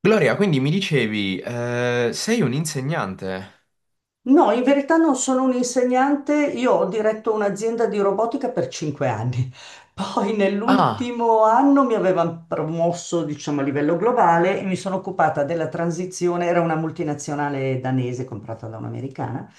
Gloria, quindi mi dicevi, sei un insegnante? No, in verità non sono un insegnante, io ho diretto un'azienda di robotica per 5 anni. Poi Ah, nell'ultimo anno mi avevano promosso, diciamo, a livello globale e mi sono occupata della transizione, era una multinazionale danese comprata da un'americana.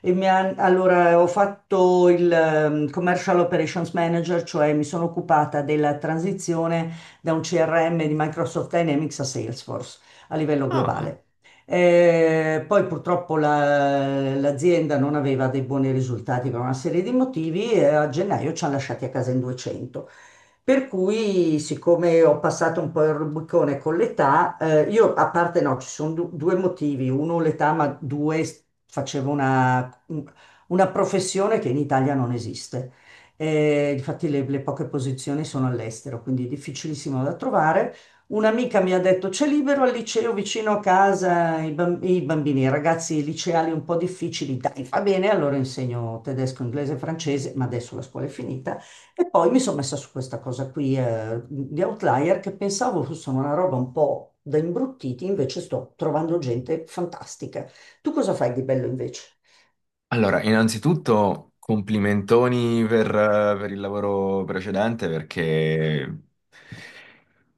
E mi ho fatto il Commercial Operations Manager, cioè mi sono occupata della transizione da un CRM di Microsoft Dynamics a Salesforce a livello ah. globale. Poi purtroppo l'azienda non aveva dei buoni risultati per una serie di motivi e a gennaio ci hanno lasciati a casa in 200. Per cui, siccome ho passato un po' il Rubicone con l'età, io a parte no, ci sono due motivi. Uno l'età, ma due facevo una professione che in Italia non esiste. Infatti le poche posizioni sono all'estero, quindi è difficilissimo da trovare. Un'amica mi ha detto c'è libero al liceo vicino a casa, i bambini, i ragazzi liceali un po' difficili, dai, va bene, allora insegno tedesco, inglese, francese, ma adesso la scuola è finita. E poi mi sono messa su questa cosa qui, di Outlier, che pensavo fosse una roba un po' da imbruttiti, invece sto trovando gente fantastica. Tu cosa fai di bello invece? Allora, innanzitutto complimentoni per il lavoro precedente perché...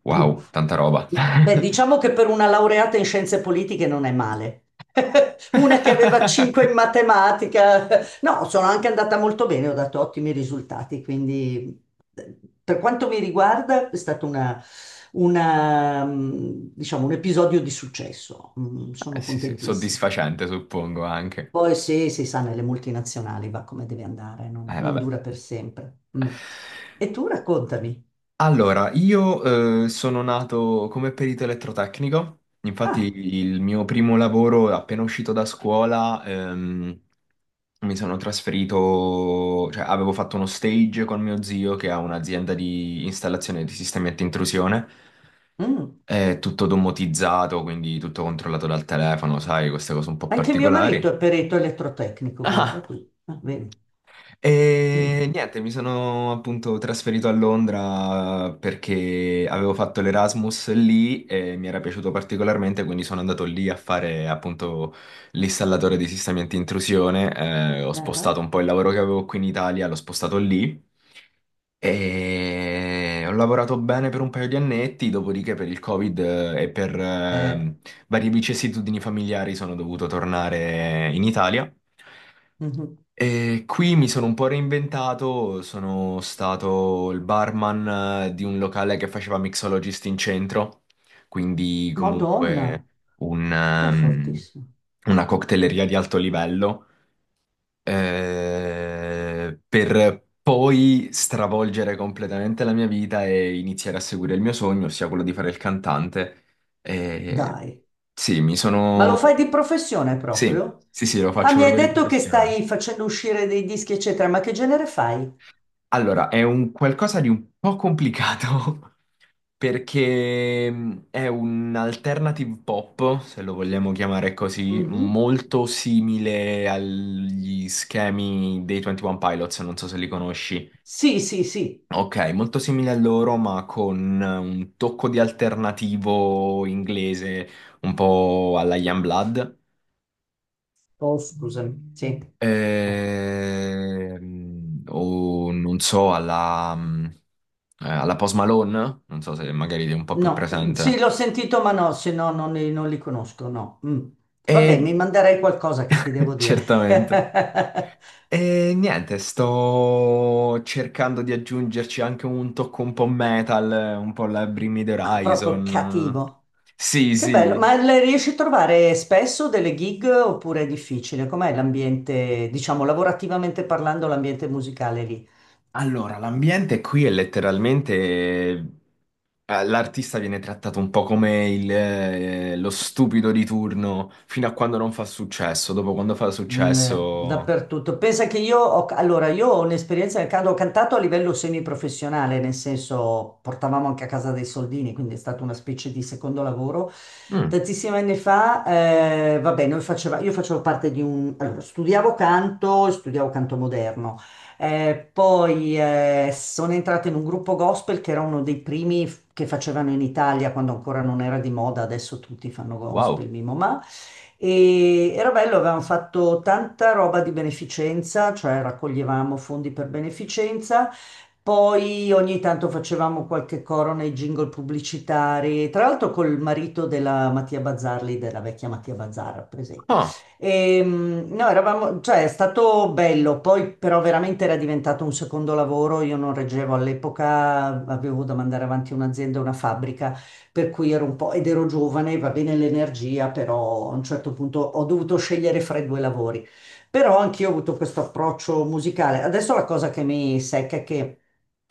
Wow, tanta roba. Beh, diciamo che per una laureata in scienze politiche non è male. Una che aveva 5 in matematica. No, sono anche andata molto bene, ho dato ottimi risultati, quindi eh, per quanto mi riguarda è stato una, diciamo, un episodio di successo. Sono Sì, sì, contentissima. soddisfacente suppongo anche. Poi sì, si sa, nelle multinazionali va come deve andare, non Vabbè. dura per sempre. Mm. E tu raccontami. Allora, io sono nato come perito elettrotecnico. Infatti Ah, il mio primo lavoro appena uscito da scuola, mi sono trasferito, cioè avevo fatto uno stage con mio zio che ha un'azienda di installazione di sistemi anti-intrusione, mm. è tutto domotizzato, quindi tutto controllato dal telefono, sai, queste cose un po' Anche mio marito particolari. è perito elettrotecnico, guarda Ah! qui. Ah, vedi. Mm. E niente, mi sono appunto trasferito a Londra perché avevo fatto l'Erasmus lì e mi era piaciuto particolarmente, quindi sono andato lì a fare appunto l'installatore di sistemi anti-intrusione. Ho spostato Ah, un po' il lavoro che avevo qui in Italia, l'ho spostato lì. E ho lavorato bene per un paio di annetti, dopodiché per il Covid e per eh, varie vicissitudini familiari sono dovuto tornare in Italia. mhm. E qui mi sono un po' reinventato, sono stato il barman di un locale che faceva mixologist in centro, quindi Madonna, comunque un, ma è fortissimo. una cocktaileria di alto livello, per poi stravolgere completamente la mia vita e iniziare a seguire il mio sogno, ossia quello di fare il cantante. E Dai, sì, mi ma lo fai sono... di professione Sì, proprio? sì, sì, lo Ah, faccio mi hai proprio di detto che professione. stai facendo uscire dei dischi, eccetera, ma che genere fai? Allora, è un qualcosa di un po' complicato perché è un alternative pop, se lo vogliamo chiamare così, Mhm. molto simile agli schemi dei 21 Pilots, non so se li conosci. Sì, sì, sì. Ok, molto simile a loro, ma con un tocco di alternativo inglese, un po' alla Youngblood. Oh, scusami, sì. Ecco. O non so, alla, alla Post Malone, non so se magari ti è un po' più No, sì, presente. l'ho sentito, ma no, se no non li conosco, no. Mm. Vabbè, E mi manderei qualcosa che ti devo dire. certamente. E niente, sto cercando di aggiungerci anche un tocco un po' metal, un po' la Bring Me the Ah, proprio Horizon. cattivo. Sì, Che bello, ma sì. le riesci a trovare spesso delle gig oppure è difficile? Com'è l'ambiente, diciamo, lavorativamente parlando, l'ambiente musicale lì? Allora, l'ambiente qui è letteralmente... l'artista viene trattato un po' come lo stupido di turno fino a quando non fa successo. Dopo quando fa successo... Dappertutto. Pensa che io ho, allora, io ho un'esperienza nel canto, ho cantato a livello semiprofessionale, nel senso portavamo anche a casa dei soldini, quindi è stata una specie di secondo lavoro. Mm, Tantissimi anni fa, vabbè, noi faceva, io facevo parte di un... Allora, studiavo canto moderno. Poi sono entrata in un gruppo gospel che era uno dei primi che facevano in Italia quando ancora non era di moda, adesso tutti fanno gospel, wow. Mimo Ma. E era bello, avevamo fatto tanta roba di beneficenza, cioè raccoglievamo fondi per beneficenza. Poi ogni tanto facevamo qualche coro nei jingle pubblicitari, tra l'altro col marito della Mattia Bazzarli, della vecchia Mattia Bazzara, presente. Ah, No, eravamo, cioè è stato bello, poi però veramente era diventato un secondo lavoro, io non reggevo all'epoca, avevo da mandare avanti un'azienda, una fabbrica, per cui ero un po', ed ero giovane, va bene l'energia, però a un certo punto ho dovuto scegliere fra i due lavori. Però anch'io ho avuto questo approccio musicale. Adesso la cosa che mi secca è che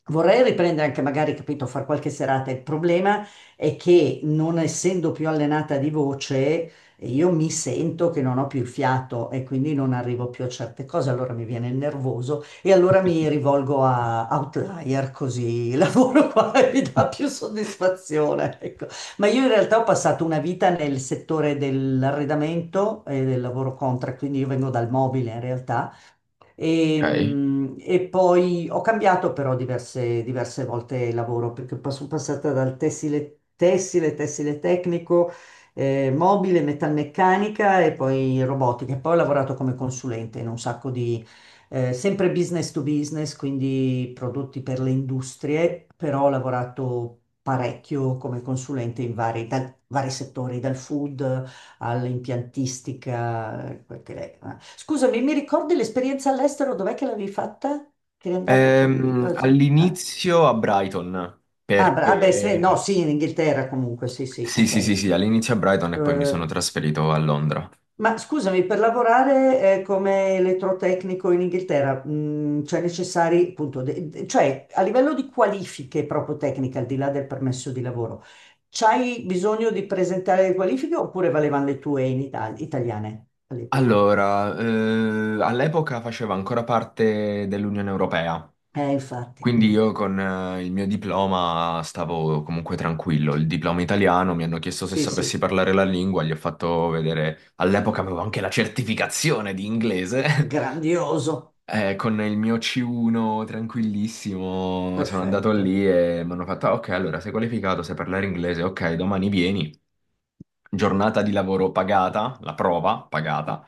vorrei riprendere anche magari, capito, far qualche serata. Il problema è che non essendo più allenata di voce, e io mi sento che non ho più il fiato e quindi non arrivo più a certe cose, allora mi viene il nervoso e allora mi rivolgo a Outlier così il lavoro qua e mi dà più soddisfazione. Ecco. Ma io in realtà ho passato una vita nel settore dell'arredamento e del lavoro contract, quindi io vengo dal mobile in realtà e, ok. mm, e poi ho cambiato però diverse volte lavoro perché sono passata dal tessile, tessile tecnico, mobile, metalmeccanica e poi robotica. E poi ho lavorato come consulente in un sacco di, sempre business to business, quindi prodotti per le industrie, però ho lavorato parecchio come consulente in vari, vari settori, dal food all'impiantistica. Scusami, mi ricordi l'esperienza all'estero? Dov'è che l'avevi fatta? Che eri andato con... cosa? All'inizio a Brighton, Ah, beh, perché... no, sì, in Inghilterra comunque, sì, sì, Sì, sì, ok. sì, sì, all'inizio a Brighton e poi mi sono Dove- trasferito a Londra. Ma scusami, per lavorare come elettrotecnico in Inghilterra, cioè necessari, appunto, cioè a livello di qualifiche proprio tecniche, al di là del permesso di lavoro, c'hai bisogno di presentare le qualifiche oppure valevano le tue in Italia, italiane all'epoca? Allora, all'epoca faceva ancora parte dell'Unione Europea. Infatti, Quindi mm. io con il mio diploma stavo comunque tranquillo, il diploma italiano. Mi hanno chiesto se Sì, sapessi sì, parlare la lingua, gli ho fatto vedere, all'epoca avevo anche la certificazione di inglese. grandioso, con il mio C1 tranquillissimo sono andato perfetto. lì e mi hanno fatto: "Ah, ok, allora sei qualificato, sai parlare inglese, ok, domani vieni, giornata di lavoro pagata, la prova pagata.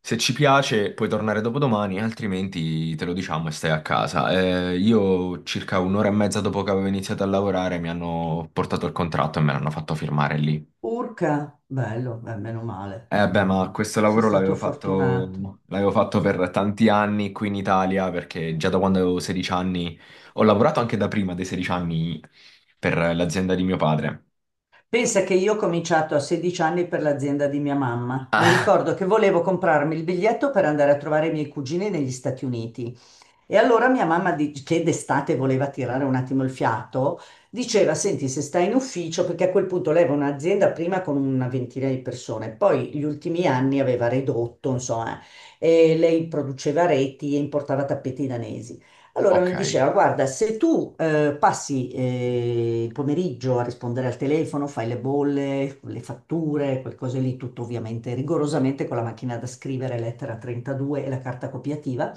Se ci piace puoi tornare dopodomani, altrimenti te lo diciamo e stai a casa". Io circa un'ora e mezza dopo che avevo iniziato a lavorare mi hanno portato il contratto e me l'hanno fatto firmare lì. Urca, bello, meno male, Eh beh, meno ma male. questo Sei lavoro stato l'avevo fortunato. fatto, l'avevo fatto per tanti anni qui in Italia, perché già da quando avevo 16 anni, ho lavorato anche da prima dei 16 anni per l'azienda di mio padre. Pensa che io ho cominciato a 16 anni per l'azienda di mia mamma. Mi Ah, ricordo che volevo comprarmi il biglietto per andare a trovare i miei cugini negli Stati Uniti. E allora mia mamma, che d'estate voleva tirare un attimo il fiato, diceva, senti, se stai in ufficio, perché a quel punto lei aveva un'azienda prima con una ventina di persone, poi gli ultimi anni aveva ridotto, insomma, e lei produceva reti e importava tappeti danesi. Allora ok. mi diceva, guarda, se tu passi il pomeriggio a rispondere al telefono, fai le bolle, le fatture, quel cose lì, tutto ovviamente rigorosamente con la macchina da scrivere, lettera 32 e la carta copiativa,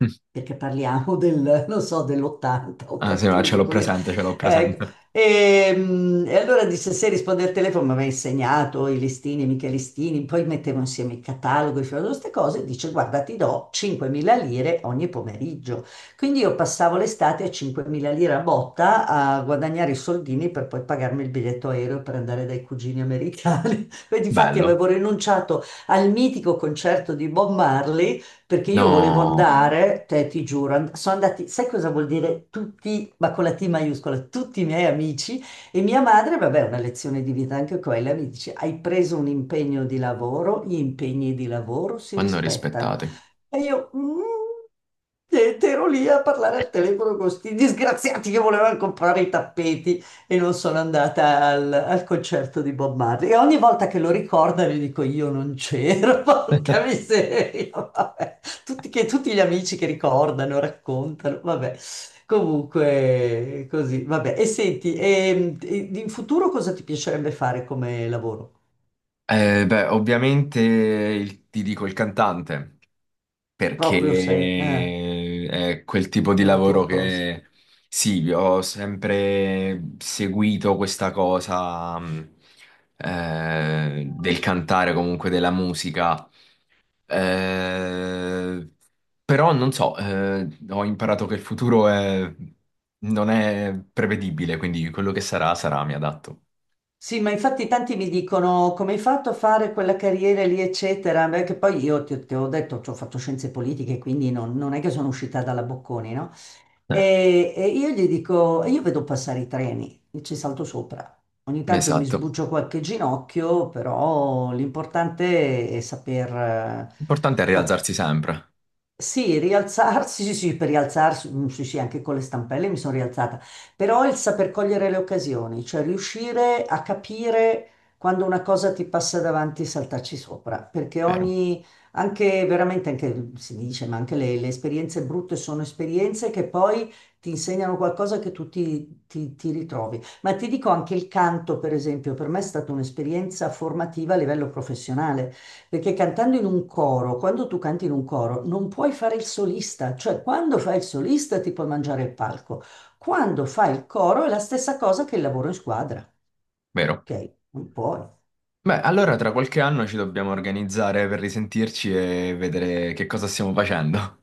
perché parliamo del, non so, dell'80, Ah, sì, ma ce 81, l'ho così. presente, ce l'ho Ecco. presente. E e allora disse, se risponde al telefono, mi aveva insegnato i listini, mica i listini, poi mettevo insieme i cataloghi, facevo queste cose, dice, guarda, ti do 5.000 lire ogni pomeriggio. Quindi io passavo l'estate a 5.000 lire a botta a guadagnare i soldini per poi pagarmi il biglietto aereo per andare dai cugini americani. E difatti Bello. avevo rinunciato al mitico concerto di Bob Marley perché io volevo No, andare, te ti giuro, sono andati, sai cosa vuol dire tutti, ma con la T maiuscola, tutti i miei amici e mia madre, vabbè, una lezione di vita anche quella, mi dice, hai preso un impegno di lavoro, gli impegni di lavoro si vanno rispettano. rispettati. E io, mm, e ero lì a parlare al telefono con questi disgraziati che volevano comprare i tappeti e non sono andata al concerto di Bob Marley. E ogni volta che lo ricorda gli dico io non c'ero, porca miseria, vabbè. Tutti gli amici che ricordano, raccontano, vabbè. Comunque, così, vabbè. E senti, e in futuro cosa ti piacerebbe fare come lavoro? Beh, ovviamente il- ti dico il cantante, Proprio sei, perché è quel tipo di è la lavoro tua cosa. che... Sì, ho sempre seguito questa cosa del cantare, comunque della musica. Eh, però non so, ho imparato che il futuro è- non è prevedibile, quindi quello che sarà, sarà, mi adatto. Sì, ma infatti tanti mi dicono come hai fatto a fare quella carriera lì, eccetera, perché poi io ti ho detto, ci ho fatto scienze politiche, quindi non, non è che sono uscita dalla Bocconi, no? Eh, E io gli dico, e io vedo passare i treni, e ci salto sopra. Ogni tanto mi esatto. sbuccio qualche ginocchio, però l'importante è saper, L'importante è saper rialzarsi sempre, sì, rialzarsi, sì, sì, per rialzarsi, mm, sì, sì, anche con le stampelle mi sono rialzata, però il saper cogliere le occasioni, cioè riuscire a capire quando una cosa ti passa davanti e saltarci sopra, perché vero? ogni, anche veramente, anche si dice, ma anche le esperienze brutte sono esperienze che poi ti insegnano qualcosa che tu ti ti ritrovi. Ma ti dico anche il canto, per esempio, per me è stata un'esperienza formativa a livello professionale perché cantando in un coro, quando tu canti in un coro, non puoi fare il solista, cioè quando fai il solista ti puoi mangiare il palco, quando fai il coro è la stessa cosa che il lavoro in squadra, Vero. ok? Non puoi. Beh, allora tra qualche anno ci dobbiamo organizzare per risentirci e vedere che cosa stiamo facendo.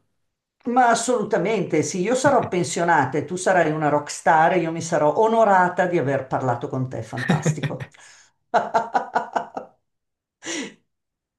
Ma assolutamente sì, io sarò pensionata e tu sarai una rockstar e io mi sarò onorata di aver parlato con te, fantastico.